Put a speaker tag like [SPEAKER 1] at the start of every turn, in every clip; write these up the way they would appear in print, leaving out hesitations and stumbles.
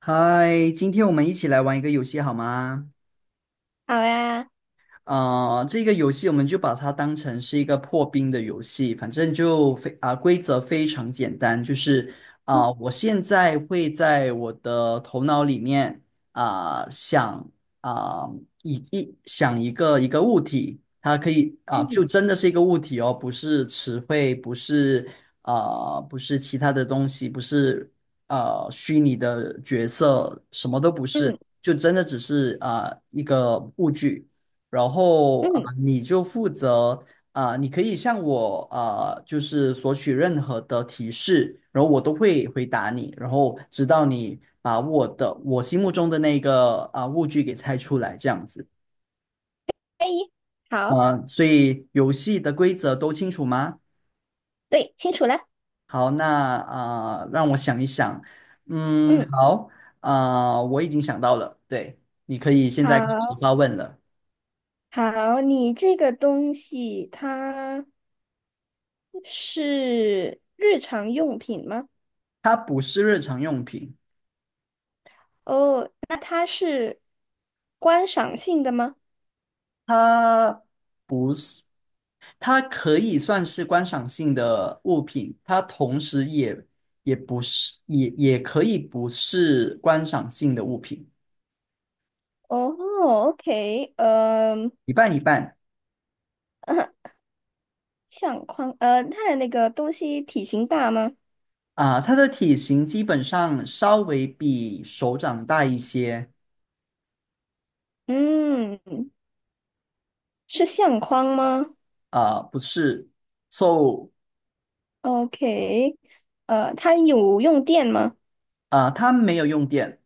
[SPEAKER 1] 嗨，今天我们一起来玩一个游戏好吗？
[SPEAKER 2] 好呀。
[SPEAKER 1] 这个游戏我们就把它当成是一个破冰的游戏，反正就非啊、规则非常简单，就是
[SPEAKER 2] 嗯
[SPEAKER 1] 我现在会在我的头脑里面啊、想啊、想一个物体，它可以就
[SPEAKER 2] 嗯
[SPEAKER 1] 真的是一个物体哦，不是词汇，不是其他的东西，不是虚拟的角色，什么都不是，
[SPEAKER 2] 嗯，
[SPEAKER 1] 就真的只是一个物具。然后
[SPEAKER 2] 嗯，
[SPEAKER 1] 你就负责，你可以向我就是索取任何的提示，然后我都会回答你，然后直到你把我心目中的那个物具给猜出来，这样子
[SPEAKER 2] 可以。好。
[SPEAKER 1] 啊、所以游戏的规则都清楚吗？
[SPEAKER 2] 对，清楚了。
[SPEAKER 1] 好，那让我想一想，嗯，
[SPEAKER 2] 嗯，
[SPEAKER 1] 好，我已经想到了，对，你可以现在开始
[SPEAKER 2] 好
[SPEAKER 1] 发问了。
[SPEAKER 2] 好，你这个东西它是日常用品吗？
[SPEAKER 1] 它不是日常用品，
[SPEAKER 2] 哦，那它是观赏性的吗？
[SPEAKER 1] 它不是。它可以算是观赏性的物品，它同时也不是，也可以不是观赏性的物品，
[SPEAKER 2] 哦，OK，
[SPEAKER 1] 一半一半
[SPEAKER 2] 相框，它的那个东西体型大吗？
[SPEAKER 1] 啊。它的体型基本上稍微比手掌大一些
[SPEAKER 2] 嗯，是相框吗
[SPEAKER 1] 啊，不是，so
[SPEAKER 2] ？OK，它有用电吗？
[SPEAKER 1] 它没有用电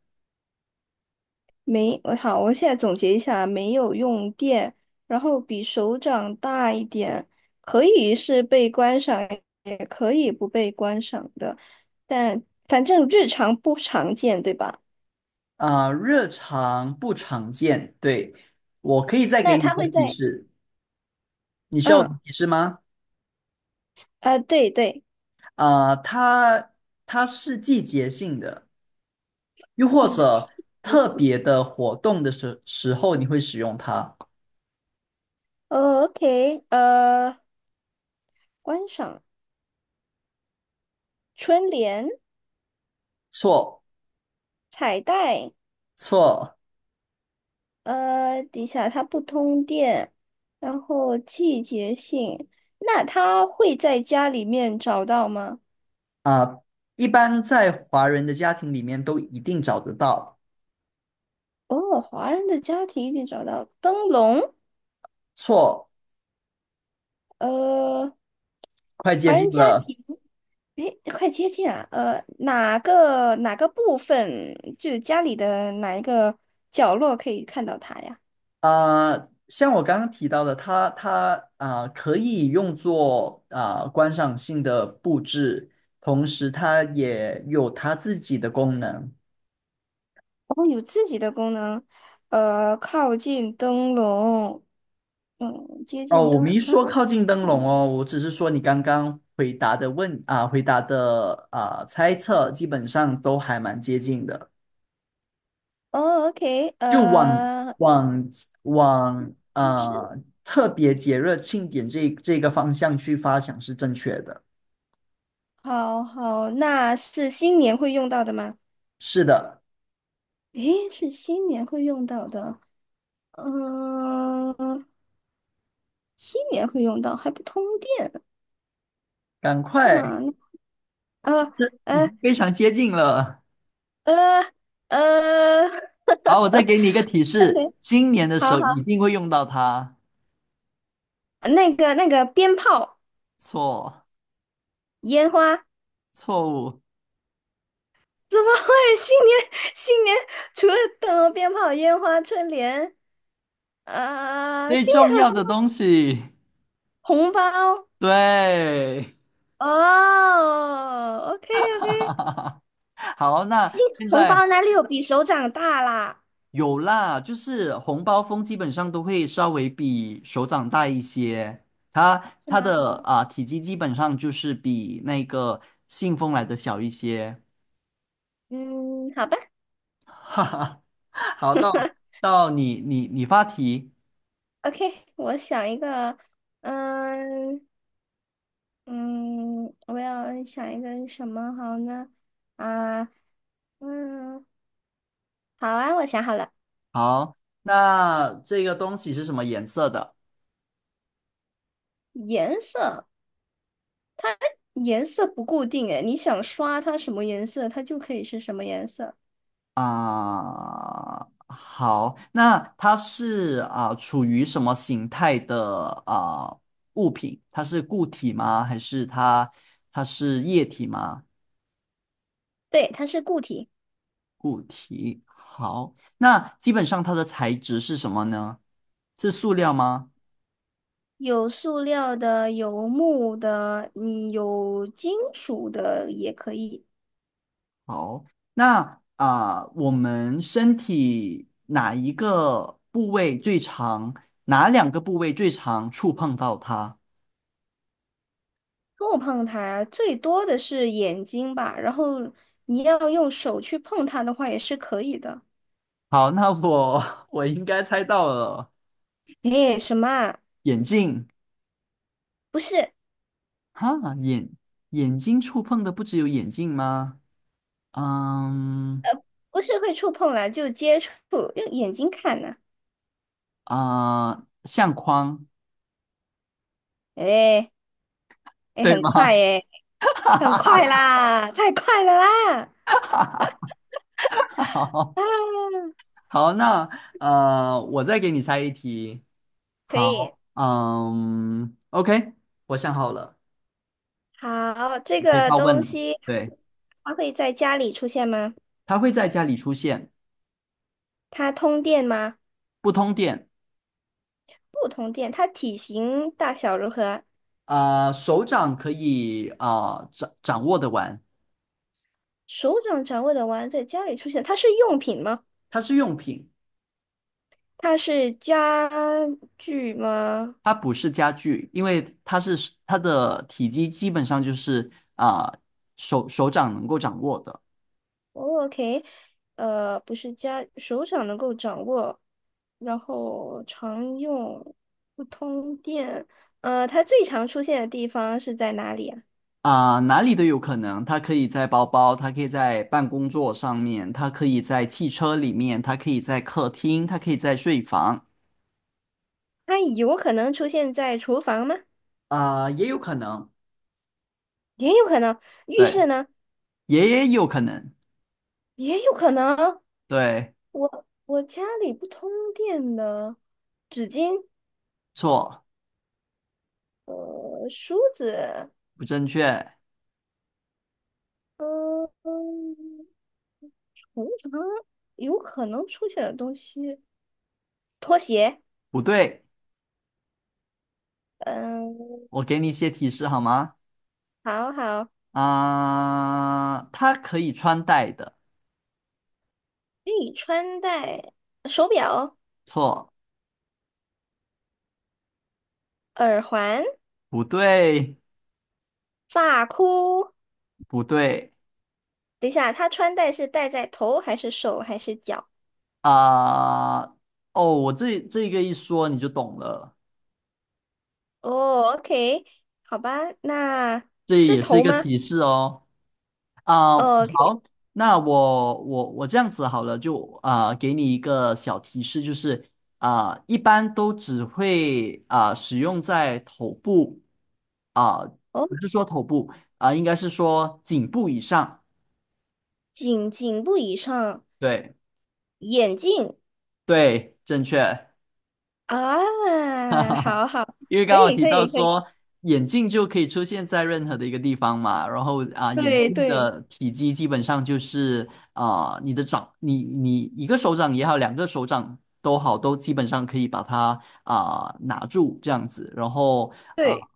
[SPEAKER 2] 没，我好，我现在总结一下，没有用电，然后比手掌大一点，可以是被观赏，也可以不被观赏的，但反正日常不常见，对吧？
[SPEAKER 1] 啊，热常不常见。对，我可以再给
[SPEAKER 2] 那
[SPEAKER 1] 你一
[SPEAKER 2] 它会
[SPEAKER 1] 个提
[SPEAKER 2] 在
[SPEAKER 1] 示，你需要我的
[SPEAKER 2] 嗯，
[SPEAKER 1] 提示吗？
[SPEAKER 2] 啊，对对，
[SPEAKER 1] 啊，它是季节性的。又或
[SPEAKER 2] 我记
[SPEAKER 1] 者特
[SPEAKER 2] 得
[SPEAKER 1] 别的活动的时候，你会使用它。
[SPEAKER 2] 哦，OK，观赏春联、
[SPEAKER 1] 错
[SPEAKER 2] 彩带。
[SPEAKER 1] 错
[SPEAKER 2] 底下它不通电，然后季节性，那它会在家里面找到吗？
[SPEAKER 1] 啊，一般在华人的家庭里面都一定找得到。
[SPEAKER 2] 哦，华人的家庭一定找到灯笼。
[SPEAKER 1] 错，
[SPEAKER 2] 呃，
[SPEAKER 1] 快接
[SPEAKER 2] 华
[SPEAKER 1] 近
[SPEAKER 2] 人家
[SPEAKER 1] 了。
[SPEAKER 2] 庭，诶，快接近啊。呃，哪个部分，就是家里的哪一个角落可以看到它呀？
[SPEAKER 1] 像我刚刚提到的，它可以用作观赏性的布置，同时它也有它自己的功能。
[SPEAKER 2] 然后有自己的功能。靠近灯笼，嗯，接
[SPEAKER 1] 哦，
[SPEAKER 2] 近
[SPEAKER 1] 我
[SPEAKER 2] 灯
[SPEAKER 1] 没
[SPEAKER 2] 啊。
[SPEAKER 1] 说靠近灯笼
[SPEAKER 2] 嗯
[SPEAKER 1] 哦，我只是说你刚刚回答的猜测基本上都还蛮接近的，
[SPEAKER 2] 哦，OK，
[SPEAKER 1] 就往往
[SPEAKER 2] 是。
[SPEAKER 1] 特别节日庆典这个方向去发想是正确的。
[SPEAKER 2] 好好，那是新年会用到的吗？
[SPEAKER 1] 是的，
[SPEAKER 2] 诶，是新年会用到的。嗯、新年会用到，还不通电。
[SPEAKER 1] 赶快，
[SPEAKER 2] 那那呃
[SPEAKER 1] 这已
[SPEAKER 2] 呃
[SPEAKER 1] 经非常接近了。
[SPEAKER 2] 呃呃，
[SPEAKER 1] 好，我再给你一个提
[SPEAKER 2] 等
[SPEAKER 1] 示，
[SPEAKER 2] 等，
[SPEAKER 1] 今年的时
[SPEAKER 2] 好
[SPEAKER 1] 候一
[SPEAKER 2] 好，
[SPEAKER 1] 定会用到它。
[SPEAKER 2] 那个那个鞭炮、
[SPEAKER 1] 错，
[SPEAKER 2] 烟花，
[SPEAKER 1] 错误，
[SPEAKER 2] 怎么会新年除了等鞭炮、烟花、春联，呃，
[SPEAKER 1] 最
[SPEAKER 2] 新年
[SPEAKER 1] 重
[SPEAKER 2] 还有
[SPEAKER 1] 要
[SPEAKER 2] 什么
[SPEAKER 1] 的
[SPEAKER 2] 东西？
[SPEAKER 1] 东西，
[SPEAKER 2] 红包。
[SPEAKER 1] 对。
[SPEAKER 2] 哦，OK。 OK。
[SPEAKER 1] 好，
[SPEAKER 2] 金
[SPEAKER 1] 那现
[SPEAKER 2] 红包
[SPEAKER 1] 在
[SPEAKER 2] 哪里有比手掌大啦？
[SPEAKER 1] 有啦，就是红包风基本上都会稍微比手掌大一些，它
[SPEAKER 2] 是
[SPEAKER 1] 它
[SPEAKER 2] 吗？
[SPEAKER 1] 的体积基本上就是比那个信封来的小一些。
[SPEAKER 2] 嗯，好吧。
[SPEAKER 1] 哈哈，好，到 到你发题，
[SPEAKER 2] OK，我想一个。嗯嗯，我要想一个什么好呢？啊，嗯，好啊，我想好了。
[SPEAKER 1] 好，那这个东西是什么颜色的？
[SPEAKER 2] 颜色，颜色不固定诶，你想刷它什么颜色，它就可以是什么颜色。
[SPEAKER 1] 好，那它是处于什么形态的物品？它是固体吗？还是它是液体吗？
[SPEAKER 2] 对，它是固体。
[SPEAKER 1] 固体。好，那基本上它的材质是什么呢？是塑料吗？
[SPEAKER 2] 有塑料的，有木的，有金属的也可以。
[SPEAKER 1] 好，那我们身体哪一个部位最长？哪两个部位最长？触碰到它？
[SPEAKER 2] 触碰它最多的是眼睛吧，然后你要用手去碰它的话也是可以的。
[SPEAKER 1] 好，那我 我应该猜到了。
[SPEAKER 2] 诶，什么啊？
[SPEAKER 1] 眼镜，
[SPEAKER 2] 不是，
[SPEAKER 1] 哈，眼睛触碰的不只有眼镜吗？嗯
[SPEAKER 2] 不是会触碰啦，就接触，用眼睛看呢、
[SPEAKER 1] 相框，
[SPEAKER 2] 诶，
[SPEAKER 1] 对
[SPEAKER 2] 很快
[SPEAKER 1] 吗？
[SPEAKER 2] 诶，很快啦，太快了啦！
[SPEAKER 1] 好，
[SPEAKER 2] 啊，
[SPEAKER 1] 好，那我再给你猜一题。
[SPEAKER 2] 可以。
[SPEAKER 1] 好，嗯，OK，我想好了，
[SPEAKER 2] 好，这
[SPEAKER 1] 你可以
[SPEAKER 2] 个
[SPEAKER 1] 发问
[SPEAKER 2] 东
[SPEAKER 1] 了。
[SPEAKER 2] 西
[SPEAKER 1] 对，
[SPEAKER 2] 它会在家里出现吗？
[SPEAKER 1] 它会在家里出现，
[SPEAKER 2] 它通电吗？
[SPEAKER 1] 不通电。
[SPEAKER 2] 不通电。它体型大小如何啊？
[SPEAKER 1] 手掌可以掌握的玩，
[SPEAKER 2] 手掌掌握的玩在家里出现，它是用品吗？
[SPEAKER 1] 它是用品。
[SPEAKER 2] 它是家具吗？
[SPEAKER 1] 它不是家具，因为它的体积基本上就是手掌能够掌握的。
[SPEAKER 2] 哦，OK，呃，不是家，手掌能够掌握，然后常用，不通电。它最常出现的地方是在哪里啊？
[SPEAKER 1] 哪里都有可能。它可以在包包，它可以在办公桌上面，它可以在汽车里面，它可以在客厅，它可以在睡房，
[SPEAKER 2] 它有可能出现在厨房吗？
[SPEAKER 1] 啊，也有可能，
[SPEAKER 2] 也有可能。浴
[SPEAKER 1] 对，
[SPEAKER 2] 室呢？
[SPEAKER 1] 也有可能，
[SPEAKER 2] 也有可能。
[SPEAKER 1] 对，
[SPEAKER 2] 我家里不通电的，纸巾、
[SPEAKER 1] 错，
[SPEAKER 2] 梳子，
[SPEAKER 1] 不正确，
[SPEAKER 2] 嗯嗯，通常有可能出现的东西。拖鞋。
[SPEAKER 1] 不对，
[SPEAKER 2] 嗯，
[SPEAKER 1] 我给你一些提示好吗？
[SPEAKER 2] 好好，可
[SPEAKER 1] 它可以穿戴的，
[SPEAKER 2] 以穿戴手表、
[SPEAKER 1] 错，
[SPEAKER 2] 耳环、
[SPEAKER 1] 不对。
[SPEAKER 2] 发箍。
[SPEAKER 1] 不对
[SPEAKER 2] 等一下，他穿戴是戴在头还是手还是脚？
[SPEAKER 1] 啊、哦，我这个一说你就懂了，
[SPEAKER 2] 哦，OK，好吧，那
[SPEAKER 1] 这
[SPEAKER 2] 是
[SPEAKER 1] 也是一
[SPEAKER 2] 头
[SPEAKER 1] 个
[SPEAKER 2] 吗？
[SPEAKER 1] 提示哦。
[SPEAKER 2] 哦，OK，
[SPEAKER 1] 好，那我这样子好了，就给你一个小提示，就是一般都只会使用在头部，啊、
[SPEAKER 2] 哦，
[SPEAKER 1] 不是说头部，应该是说颈部以上。
[SPEAKER 2] 颈部以上，
[SPEAKER 1] 对
[SPEAKER 2] 眼镜。
[SPEAKER 1] 对，正确。哈
[SPEAKER 2] 啊，
[SPEAKER 1] 哈哈，
[SPEAKER 2] 好好，
[SPEAKER 1] 因为
[SPEAKER 2] 可
[SPEAKER 1] 刚好
[SPEAKER 2] 以
[SPEAKER 1] 提
[SPEAKER 2] 可
[SPEAKER 1] 到
[SPEAKER 2] 以可以，
[SPEAKER 1] 说眼镜就可以出现在任何的一个地方嘛，然后眼
[SPEAKER 2] 对
[SPEAKER 1] 镜
[SPEAKER 2] 对
[SPEAKER 1] 的体积基本上就是你一个手掌也好，两个手掌都好，都基本上可以把它拿住这样子，然后啊。
[SPEAKER 2] 对，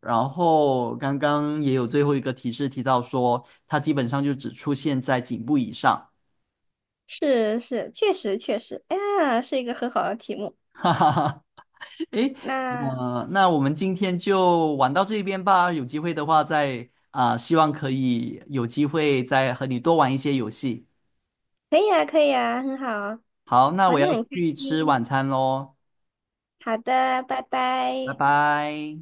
[SPEAKER 1] 然后刚刚也有最后一个提示提到说，它基本上就只出现在颈部以上。
[SPEAKER 2] 是是，确实确实，哎呀，是一个很好的题目。
[SPEAKER 1] 诶，
[SPEAKER 2] 那
[SPEAKER 1] 那我们今天就玩到这边吧。有机会的话再，希望可以有机会再和你多玩一些游戏。
[SPEAKER 2] 可以啊，可以啊，很好啊。
[SPEAKER 1] 好，那我
[SPEAKER 2] 玩
[SPEAKER 1] 要
[SPEAKER 2] 得很开
[SPEAKER 1] 去吃
[SPEAKER 2] 心。
[SPEAKER 1] 晚餐喽，
[SPEAKER 2] 好的，拜
[SPEAKER 1] 拜
[SPEAKER 2] 拜。
[SPEAKER 1] 拜。